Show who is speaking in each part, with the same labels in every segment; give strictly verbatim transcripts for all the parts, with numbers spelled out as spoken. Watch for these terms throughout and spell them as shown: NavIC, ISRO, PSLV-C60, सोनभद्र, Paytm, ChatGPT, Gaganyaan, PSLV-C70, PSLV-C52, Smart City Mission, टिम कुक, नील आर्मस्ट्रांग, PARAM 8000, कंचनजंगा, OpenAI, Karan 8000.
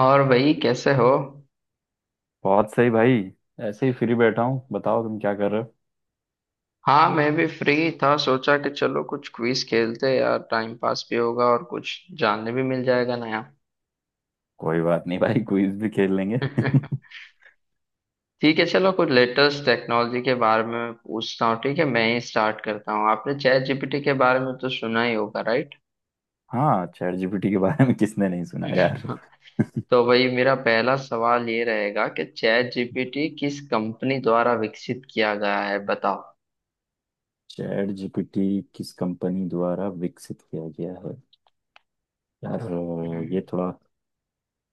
Speaker 1: और भाई कैसे हो?
Speaker 2: बहुत सही भाई। ऐसे ही फ्री बैठा हूँ, बताओ तुम क्या कर रहे हो।
Speaker 1: हाँ, मैं भी फ्री था। सोचा कि चलो कुछ क्विज खेलते हैं यार, टाइम पास भी होगा और कुछ जानने भी मिल जाएगा नया।
Speaker 2: कोई बात नहीं भाई, क्विज भी खेल लेंगे।
Speaker 1: ठीक है, चलो कुछ लेटेस्ट टेक्नोलॉजी के बारे में मैं पूछता हूँ। ठीक है, मैं ही स्टार्ट करता हूँ। आपने चैट जीपीटी के बारे में तो सुना ही होगा, राइट?
Speaker 2: हाँ, चैट जीपीटी के बारे में किसने नहीं सुना यार।
Speaker 1: तो भाई, मेरा पहला सवाल ये रहेगा कि चैट जीपीटी किस कंपनी द्वारा विकसित किया गया है, बताओ।
Speaker 2: चैट जीपीटी किस कंपनी द्वारा विकसित किया गया है। यार अ, ये थोड़ा,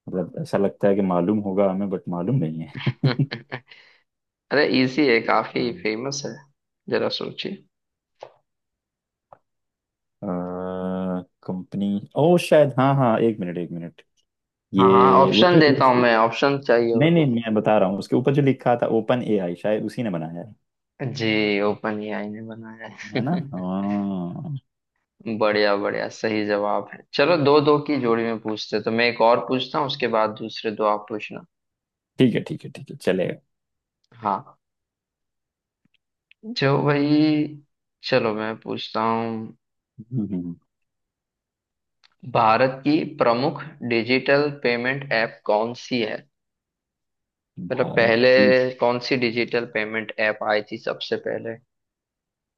Speaker 2: मतलब ऐसा लगता है कि मालूम होगा हमें बट मालूम नहीं है।
Speaker 1: अरे, इजी है, काफी फेमस है, जरा सोचिए।
Speaker 2: कंपनी ओ शायद, हाँ हाँ, एक मिनट एक मिनट।
Speaker 1: हाँ हाँ,
Speaker 2: ये वो
Speaker 1: ऑप्शन
Speaker 2: जो
Speaker 1: देता हूँ
Speaker 2: उस-
Speaker 1: मैं, ऑप्शन चाहिए हो
Speaker 2: नहीं नहीं,
Speaker 1: तो।
Speaker 2: मैं बता रहा हूँ उसके ऊपर जो लिखा था ओपन एआई, शायद उसी ने बनाया है।
Speaker 1: जी, ओपन एआई ने बनाया
Speaker 2: है
Speaker 1: है।
Speaker 2: ना, हाँ।
Speaker 1: बढ़िया बढ़िया, सही जवाब है। चलो दो दो की जोड़ी में पूछते हैं। तो मैं एक और पूछता हूँ, उसके बाद दूसरे दो आप पूछना।
Speaker 2: ठीक है ठीक है ठीक है, चलेगा।
Speaker 1: हाँ, जो भाई, चलो मैं पूछता हूँ।
Speaker 2: हम्म, हम्म,
Speaker 1: भारत की प्रमुख डिजिटल पेमेंट ऐप कौन सी है? मतलब
Speaker 2: भारत
Speaker 1: पहले
Speaker 2: की
Speaker 1: कौन सी डिजिटल पेमेंट ऐप आई थी सबसे पहले,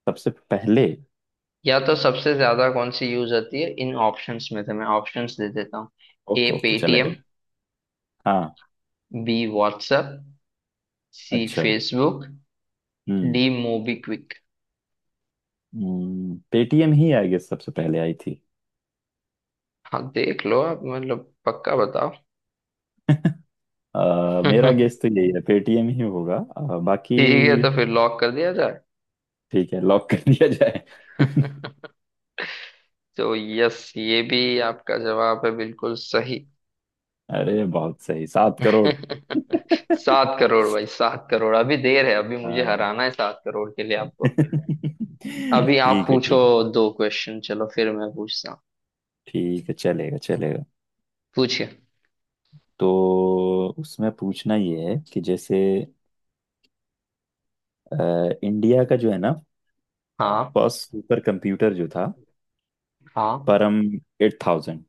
Speaker 2: सबसे पहले।
Speaker 1: या तो सबसे ज्यादा कौन सी यूज होती है? इन ऑप्शंस में से मैं ऑप्शंस दे देता हूँ। ए
Speaker 2: ओके ओके,
Speaker 1: पेटीएम,
Speaker 2: चलेगा। हाँ।
Speaker 1: बी व्हाट्सएप, सी
Speaker 2: अच्छा।
Speaker 1: फेसबुक,
Speaker 2: हम्म।
Speaker 1: D MobiKwik.
Speaker 2: हम्म, पेटीएम ही आई गेस सबसे पहले आई थी।
Speaker 1: हाँ, देख लो आप, मतलब पक्का बताओ।
Speaker 2: अ, मेरा
Speaker 1: ठीक
Speaker 2: गेस तो यही है, पेटीएम ही होगा। अ, बाकी
Speaker 1: है, तो फिर लॉक कर दिया जाए।
Speaker 2: ठीक है, लॉक कर दिया जाए।
Speaker 1: तो यस, ये भी आपका जवाब है, बिल्कुल सही।
Speaker 2: अरे बहुत सही, सात करोड़।
Speaker 1: सात करोड़ भाई, सात करोड़। अभी देर है, अभी मुझे
Speaker 2: हाँ।
Speaker 1: हराना है सात करोड़ के लिए आपको। अभी आप
Speaker 2: ठीक है
Speaker 1: पूछो
Speaker 2: ठीक है
Speaker 1: दो क्वेश्चन, चलो फिर मैं पूछता हूँ।
Speaker 2: ठीक है, चलेगा चलेगा।
Speaker 1: पूछिए।
Speaker 2: तो उसमें पूछना ये है कि जैसे अ, इंडिया का जो है ना,
Speaker 1: हाँ
Speaker 2: फर्स्ट सुपर कंप्यूटर जो था,
Speaker 1: हाँ।
Speaker 2: परम एट थाउजेंड,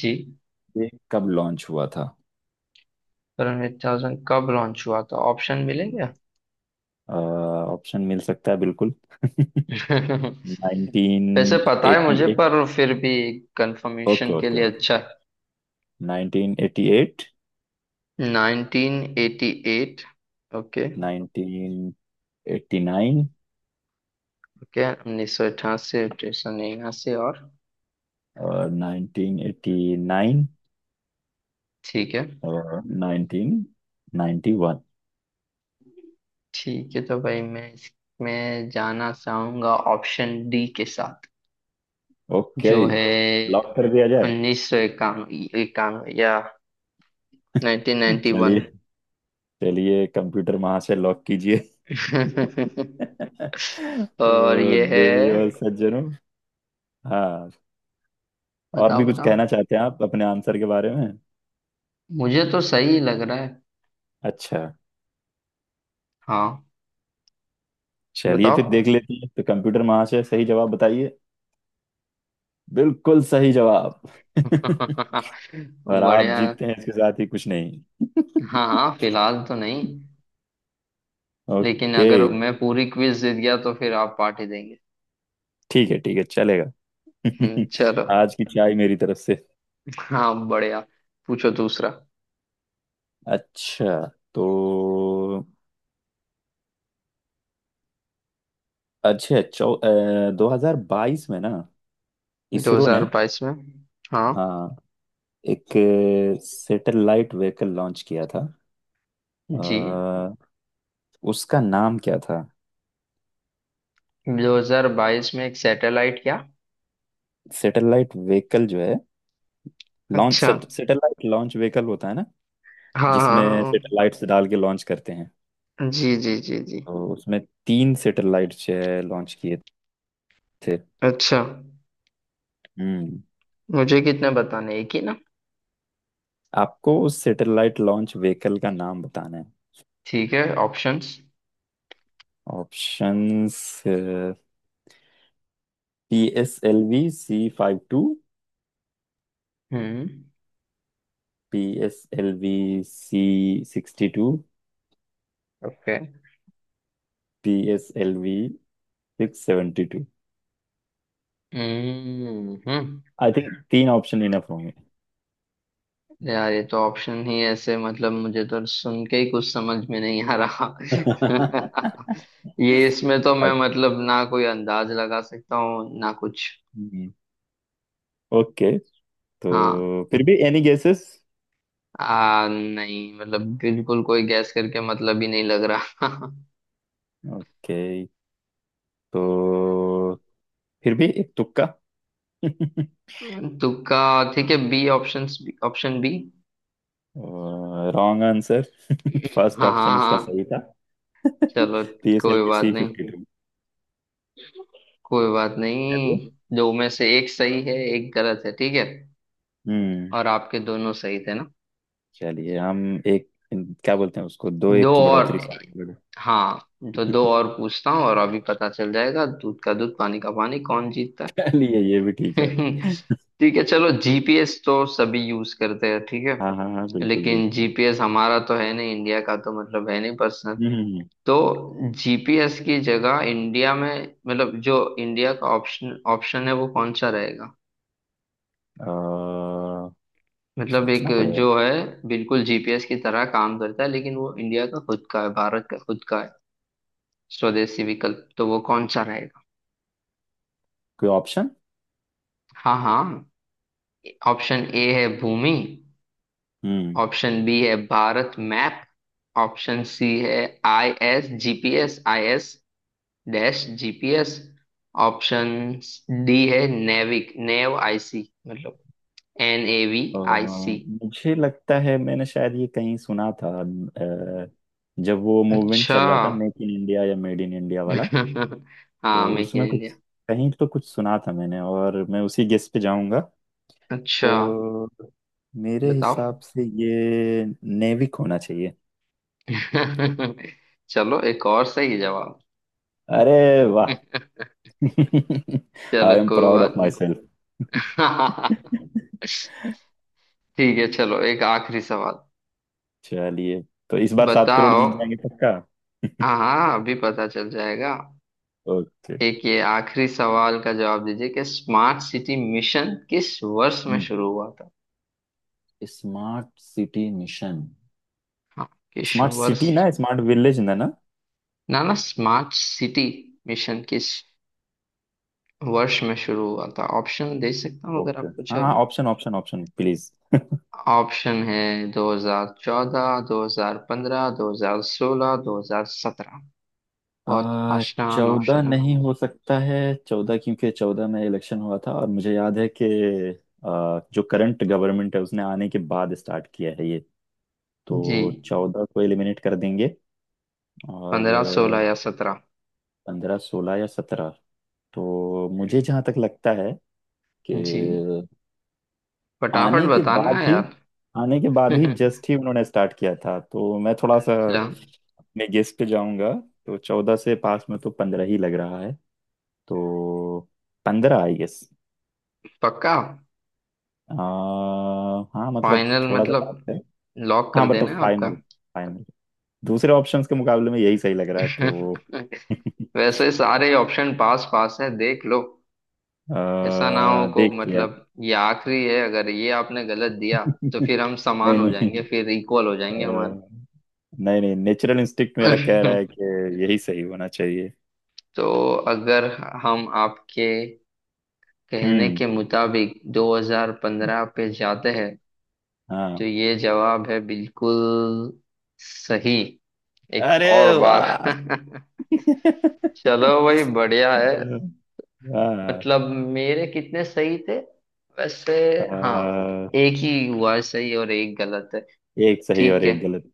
Speaker 1: जी,
Speaker 2: ये कब लॉन्च हुआ था।
Speaker 1: करण एट थाउज़ेंड कब लॉन्च हुआ था? ऑप्शन मिलेंगे।
Speaker 2: ऑप्शन मिल सकता है बिल्कुल।
Speaker 1: वैसे पता है मुझे,
Speaker 2: नाइनटीन एटी एट।
Speaker 1: पर फिर भी
Speaker 2: ओके
Speaker 1: कंफर्मेशन के
Speaker 2: ओके
Speaker 1: लिए।
Speaker 2: ओके।
Speaker 1: अच्छा
Speaker 2: नाइनटीन एटी एट,
Speaker 1: है, nineteen eighty eight. Okay
Speaker 2: nineteen eighty nine
Speaker 1: okay. उन्नीस सौ अठासी, अठारह सौ निन्यासी और
Speaker 2: और नाइनटीन एटी नाइन
Speaker 1: ठीक है,
Speaker 2: और नाइनटीन नाइन्टी वन।
Speaker 1: ठीक है। तो भाई मैं इसमें जाना चाहूंगा, ऑप्शन डी के साथ,
Speaker 2: ओके,
Speaker 1: जो है
Speaker 2: लॉक कर दिया जाए।
Speaker 1: उन्नीस सौ इक्यानवे, इक्यानवे या नाइनटीन नाइन्टी
Speaker 2: चलिए
Speaker 1: वन
Speaker 2: चलिए, कंप्यूटर वहां से लॉक कीजिए।
Speaker 1: और
Speaker 2: तो
Speaker 1: ये है,
Speaker 2: देवी और सज्जनों, हाँ, और
Speaker 1: बताओ
Speaker 2: भी कुछ कहना
Speaker 1: बताओ।
Speaker 2: चाहते हैं आप अपने आंसर के बारे में।
Speaker 1: मुझे तो सही लग रहा है।
Speaker 2: अच्छा
Speaker 1: हाँ,
Speaker 2: चलिए, फिर देख
Speaker 1: बताओ।
Speaker 2: लेते हैं। तो कंप्यूटर महाशय, सही जवाब बताइए। बिल्कुल सही जवाब। और आप
Speaker 1: बढ़िया।
Speaker 2: जीतते हैं इसके साथ ही कुछ नहीं।
Speaker 1: हाँ हाँ, फिलहाल तो नहीं, लेकिन
Speaker 2: ओके।
Speaker 1: अगर मैं पूरी क्विज जीत गया तो फिर आप पार्टी देंगे।
Speaker 2: ठीक है ठीक है, चलेगा।
Speaker 1: हम्म, चलो।
Speaker 2: आज की चाय मेरी तरफ से।
Speaker 1: हाँ, बढ़िया। पूछो दूसरा।
Speaker 2: अच्छा, तो अच्छा, चौ दो हजार बाईस में ना, इसरो ने।
Speaker 1: दो हज़ार बाईस में। हाँ,
Speaker 2: हाँ। एक सैटेलाइट व्हीकल लॉन्च किया था।
Speaker 1: जी।
Speaker 2: अ, उसका नाम क्या था।
Speaker 1: दो हज़ार बाईस में एक सैटेलाइट, क्या?
Speaker 2: सैटेलाइट व्हीकल जो है, लॉन्च
Speaker 1: अच्छा,
Speaker 2: सैटेलाइट लॉन्च व्हीकल होता है ना,
Speaker 1: हाँ हाँ
Speaker 2: जिसमें
Speaker 1: हाँ।
Speaker 2: सैटेलाइट्स डाल के लॉन्च करते हैं।
Speaker 1: जी जी जी जी।
Speaker 2: तो उसमें तीन सैटेलाइट्स लॉन्च किए थे।
Speaker 1: अच्छा,
Speaker 2: हम्म।
Speaker 1: मुझे कितने बताने, एक ही ना?
Speaker 2: आपको उस सैटेलाइट लॉन्च व्हीकल का नाम बताना है।
Speaker 1: ठीक है, options.
Speaker 2: Options, P S L V C five two,
Speaker 1: hmm.
Speaker 2: P S L V C sixty two,
Speaker 1: okay.
Speaker 2: P S L V six seventy two.
Speaker 1: Hmm hmm.
Speaker 2: I think तीन option enough होंगे।
Speaker 1: यार, ये तो option ही ऐसे, मतलब मुझे तो सुन के ही कुछ समझ में नहीं आ रहा। ये इसमें तो मैं मतलब ना कोई अंदाज लगा सकता हूँ ना कुछ।
Speaker 2: ओके, तो
Speaker 1: हाँ,
Speaker 2: फिर भी एनी गेसेस।
Speaker 1: आ, नहीं, मतलब बिल्कुल कोई गैस करके मतलब ही नहीं लग रहा।
Speaker 2: ओके, तो फिर भी एक तुक्का।
Speaker 1: तुक्का। ठीक है, B option, option B.
Speaker 2: Wrong answer. First
Speaker 1: हाँ
Speaker 2: ऑप्शन
Speaker 1: हाँ
Speaker 2: इसका
Speaker 1: हाँ,
Speaker 2: सही था।
Speaker 1: चलो
Speaker 2: पीएसएल
Speaker 1: कोई
Speaker 2: की
Speaker 1: बात
Speaker 2: सी
Speaker 1: नहीं,
Speaker 2: फिफ्टी टू।
Speaker 1: कोई बात नहीं।
Speaker 2: चलिए।
Speaker 1: दो में से एक सही है, एक गलत है, ठीक है।
Speaker 2: हम्म।
Speaker 1: और आपके दोनों सही थे ना?
Speaker 2: चलिए हम, एक क्या बोलते हैं उसको, दो
Speaker 1: दो
Speaker 2: एक की
Speaker 1: और,
Speaker 2: बढ़ोतरी से आगे बढ़े।
Speaker 1: हाँ। तो दो और पूछता हूँ और अभी पता चल जाएगा दूध का दूध पानी का पानी कौन जीतता
Speaker 2: चलिए ये भी ठीक
Speaker 1: है।
Speaker 2: है।
Speaker 1: ठीक है, चलो जीपीएस तो सभी यूज करते हैं, ठीक
Speaker 2: हाँ हाँ हाँ,
Speaker 1: है।
Speaker 2: बिल्कुल
Speaker 1: लेकिन
Speaker 2: बिल्कुल।
Speaker 1: जीपीएस हमारा तो है नहीं, इंडिया का तो मतलब है नहीं पर्सनल।
Speaker 2: हम्म।
Speaker 1: तो जीपीएस की जगह इंडिया में, मतलब जो इंडिया का ऑप्शन ऑप्शन है, वो कौन सा रहेगा?
Speaker 2: अ,
Speaker 1: मतलब एक
Speaker 2: सोचना पड़ेगा।
Speaker 1: जो है बिल्कुल जीपीएस की तरह काम करता है, लेकिन वो इंडिया का खुद का है, भारत का खुद का है, स्वदेशी विकल्प, तो वो कौन सा रहेगा?
Speaker 2: कोई ऑप्शन।
Speaker 1: हाँ हाँ, ऑप्शन ए है भूमि,
Speaker 2: हम्म।
Speaker 1: ऑप्शन बी है भारत मैप, ऑप्शन सी है I S GPS, I S dash GPS, option D है नेविक, नेव आईसी, मतलब एन ए वी
Speaker 2: अ,
Speaker 1: आई सी।
Speaker 2: मुझे लगता है मैंने शायद ये कहीं सुना था, अ, जब वो मूवमेंट
Speaker 1: अच्छा।
Speaker 2: चल रहा था, मेक इन इंडिया या मेड इन इंडिया वाला।
Speaker 1: हाँ,
Speaker 2: तो
Speaker 1: मेक इन
Speaker 2: उसमें कुछ,
Speaker 1: इंडिया।
Speaker 2: कहीं तो कुछ सुना था मैंने, और मैं उसी गेस पे जाऊंगा।
Speaker 1: अच्छा,
Speaker 2: तो मेरे
Speaker 1: बताओ।
Speaker 2: हिसाब से ये नेविक होना चाहिए।
Speaker 1: चलो, एक और सही जवाब।
Speaker 2: अरे वाह।
Speaker 1: चलो
Speaker 2: आई एम
Speaker 1: कोई
Speaker 2: प्राउड ऑफ
Speaker 1: बात
Speaker 2: माई सेल्फ।
Speaker 1: नहीं। ठीक है, चलो एक आखिरी सवाल।
Speaker 2: चलिए, तो इस बार सात करोड़
Speaker 1: बताओ।
Speaker 2: जीत जाएंगे पक्का।
Speaker 1: हाँ, अभी पता चल जाएगा।
Speaker 2: ओके।
Speaker 1: एक ये आखिरी सवाल का जवाब दीजिए कि स्मार्ट सिटी मिशन किस वर्ष में
Speaker 2: हम्म।
Speaker 1: शुरू हुआ था?
Speaker 2: Smart city mission.
Speaker 1: हाँ, किस
Speaker 2: स्मार्ट
Speaker 1: वर्ष?
Speaker 2: सिटी ना, स्मार्ट विलेज, ना ना।
Speaker 1: ना ना, स्मार्ट सिटी मिशन किस वर्ष में शुरू हुआ था? ऑप्शन दे सकता हूँ अगर
Speaker 2: ओके
Speaker 1: आपको
Speaker 2: हाँ हाँ,
Speaker 1: चाहिए।
Speaker 2: Option option option please.
Speaker 1: Option है दो हज़ार चौदह, दो हज़ार पंद्रह, दो हज़ार सोलह, दो हज़ार सत्रह। बहुत
Speaker 2: आ,
Speaker 1: आसान
Speaker 2: चौदह
Speaker 1: ऑप्शन है।
Speaker 2: नहीं हो सकता है। चौदह क्योंकि चौदह में इलेक्शन हुआ था और मुझे याद है कि आ, जो करंट गवर्नमेंट है उसने आने के बाद स्टार्ट किया है ये।
Speaker 1: जी,
Speaker 2: तो चौदह को एलिमिनेट कर देंगे। और
Speaker 1: पंद्रह सोलह या सत्रह?
Speaker 2: पंद्रह सोलह या सत्रह। तो मुझे जहाँ तक लगता है कि
Speaker 1: जी, फटाफट
Speaker 2: आने के
Speaker 1: बताना
Speaker 2: बाद
Speaker 1: है
Speaker 2: ही,
Speaker 1: यार।
Speaker 2: आने के बाद ही
Speaker 1: अच्छा।
Speaker 2: जस्ट ही उन्होंने स्टार्ट किया था। तो मैं थोड़ा सा अपने गेस पे जाऊंगा। तो चौदह से पास में तो पंद्रह ही लग रहा है। तो पंद्रह आई गेस।
Speaker 1: पक्का?
Speaker 2: हाँ, मतलब
Speaker 1: फाइनल
Speaker 2: थोड़ा सा
Speaker 1: मतलब,
Speaker 2: डाउट है।
Speaker 1: लॉक कर
Speaker 2: हाँ,
Speaker 1: देना
Speaker 2: मतलब
Speaker 1: है आपका?
Speaker 2: Final, final. दूसरे ऑप्शंस के मुकाबले में यही सही लग रहा है तो।
Speaker 1: वैसे सारे ऑप्शन पास पास है, देख लो। ऐसा ना हो
Speaker 2: अह,
Speaker 1: को,
Speaker 2: देख लिया।
Speaker 1: मतलब ये आखिरी है, अगर ये आपने गलत दिया तो फिर हम समान
Speaker 2: नहीं
Speaker 1: हो
Speaker 2: नहीं,
Speaker 1: जाएंगे, फिर इक्वल हो जाएंगे
Speaker 2: अह, नहीं नहीं, नेचुरल इंस्टिक्ट मेरा कह रहा
Speaker 1: हमारे।
Speaker 2: है कि यही सही होना चाहिए।
Speaker 1: तो अगर हम आपके कहने
Speaker 2: हम्म।
Speaker 1: के मुताबिक दो हज़ार पंद्रह पे जाते हैं
Speaker 2: हाँ।
Speaker 1: तो ये जवाब है बिल्कुल सही। एक
Speaker 2: अरे
Speaker 1: और बार।
Speaker 2: वाह।
Speaker 1: चलो भाई, बढ़िया है।
Speaker 2: हाँ,
Speaker 1: मतलब मेरे कितने सही थे वैसे? हाँ,
Speaker 2: हाँ,
Speaker 1: एक ही हुआ है सही और एक गलत है,
Speaker 2: एक सही और
Speaker 1: ठीक है।
Speaker 2: एक गलत।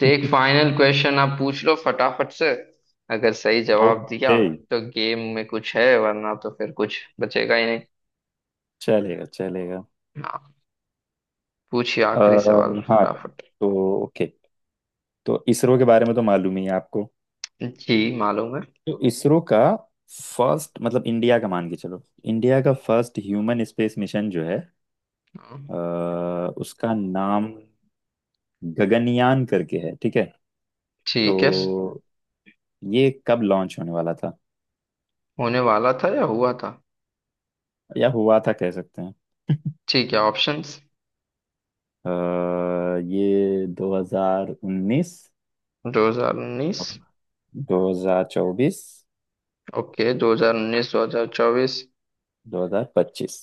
Speaker 1: तो एक फाइनल क्वेश्चन आप पूछ लो फटाफट से, अगर सही जवाब दिया
Speaker 2: ओके,
Speaker 1: तो गेम में कुछ है, वरना तो फिर कुछ बचेगा ही नहीं।
Speaker 2: चलेगा चलेगा।
Speaker 1: पूछिए
Speaker 2: आ,
Speaker 1: आखिरी सवाल
Speaker 2: हाँ तो
Speaker 1: फटाफट।
Speaker 2: तो ओके, तो इसरो के बारे में तो मालूम ही है आपको।
Speaker 1: जी, मालूम है।
Speaker 2: तो इसरो का फर्स्ट मतलब, इंडिया का मान के चलो, इंडिया का फर्स्ट ह्यूमन स्पेस मिशन जो है,
Speaker 1: हाँ।
Speaker 2: अ, उसका नाम गगनयान करके है, ठीक है।
Speaker 1: ठीक है,
Speaker 2: तो ये कब लॉन्च होने वाला था
Speaker 1: होने वाला था या हुआ था?
Speaker 2: या हुआ था कह सकते हैं।
Speaker 1: ठीक है, ऑप्शंस।
Speaker 2: अ, ये दो हज़ार उन्नीस,
Speaker 1: दो हज़ार उन्नीस।
Speaker 2: दो हज़ार चौबीस,
Speaker 1: ओके, दो हज़ार उन्नीस, दो हज़ार चौबीस।
Speaker 2: दो हज़ार पच्चीस।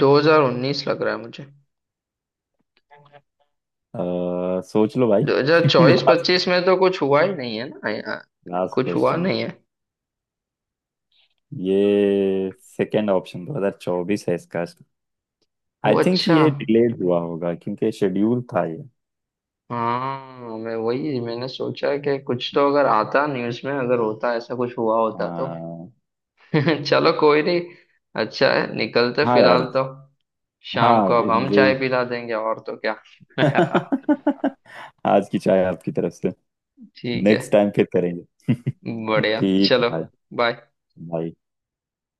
Speaker 1: दो हज़ार उन्नीस लग रहा है मुझे।
Speaker 2: अ, सोच लो भाई।
Speaker 1: दो हज़ार चौबीस
Speaker 2: लास्ट
Speaker 1: पच्चीस में तो कुछ हुआ ही नहीं है ना यहाँ,
Speaker 2: लास्ट
Speaker 1: कुछ हुआ
Speaker 2: क्वेश्चन।
Speaker 1: नहीं है।
Speaker 2: ये सेकंड ऑप्शन दो हज़ार चौबीस है इसका। आई
Speaker 1: वो,
Speaker 2: थिंक
Speaker 1: अच्छा।
Speaker 2: ये डिलेड हुआ होगा क्योंकि शेड्यूल था ये।
Speaker 1: हाँ, मैं वही मैंने सोचा कि कुछ तो, अगर आता न्यूज़ में, अगर होता ऐसा कुछ हुआ होता तो।
Speaker 2: अ,
Speaker 1: चलो कोई नहीं, अच्छा है निकलते
Speaker 2: हाँ
Speaker 1: फिलहाल
Speaker 2: यार।
Speaker 1: तो। शाम को
Speaker 2: हाँ
Speaker 1: अब
Speaker 2: ये
Speaker 1: हम
Speaker 2: मुझे।
Speaker 1: चाय पिला देंगे और तो क्या।
Speaker 2: आज की चाय आपकी तरफ से।
Speaker 1: ठीक है,
Speaker 2: नेक्स्ट टाइम फिर करेंगे।
Speaker 1: बढ़िया,
Speaker 2: ठीक है
Speaker 1: चलो
Speaker 2: भाई।
Speaker 1: बाय।
Speaker 2: भाई।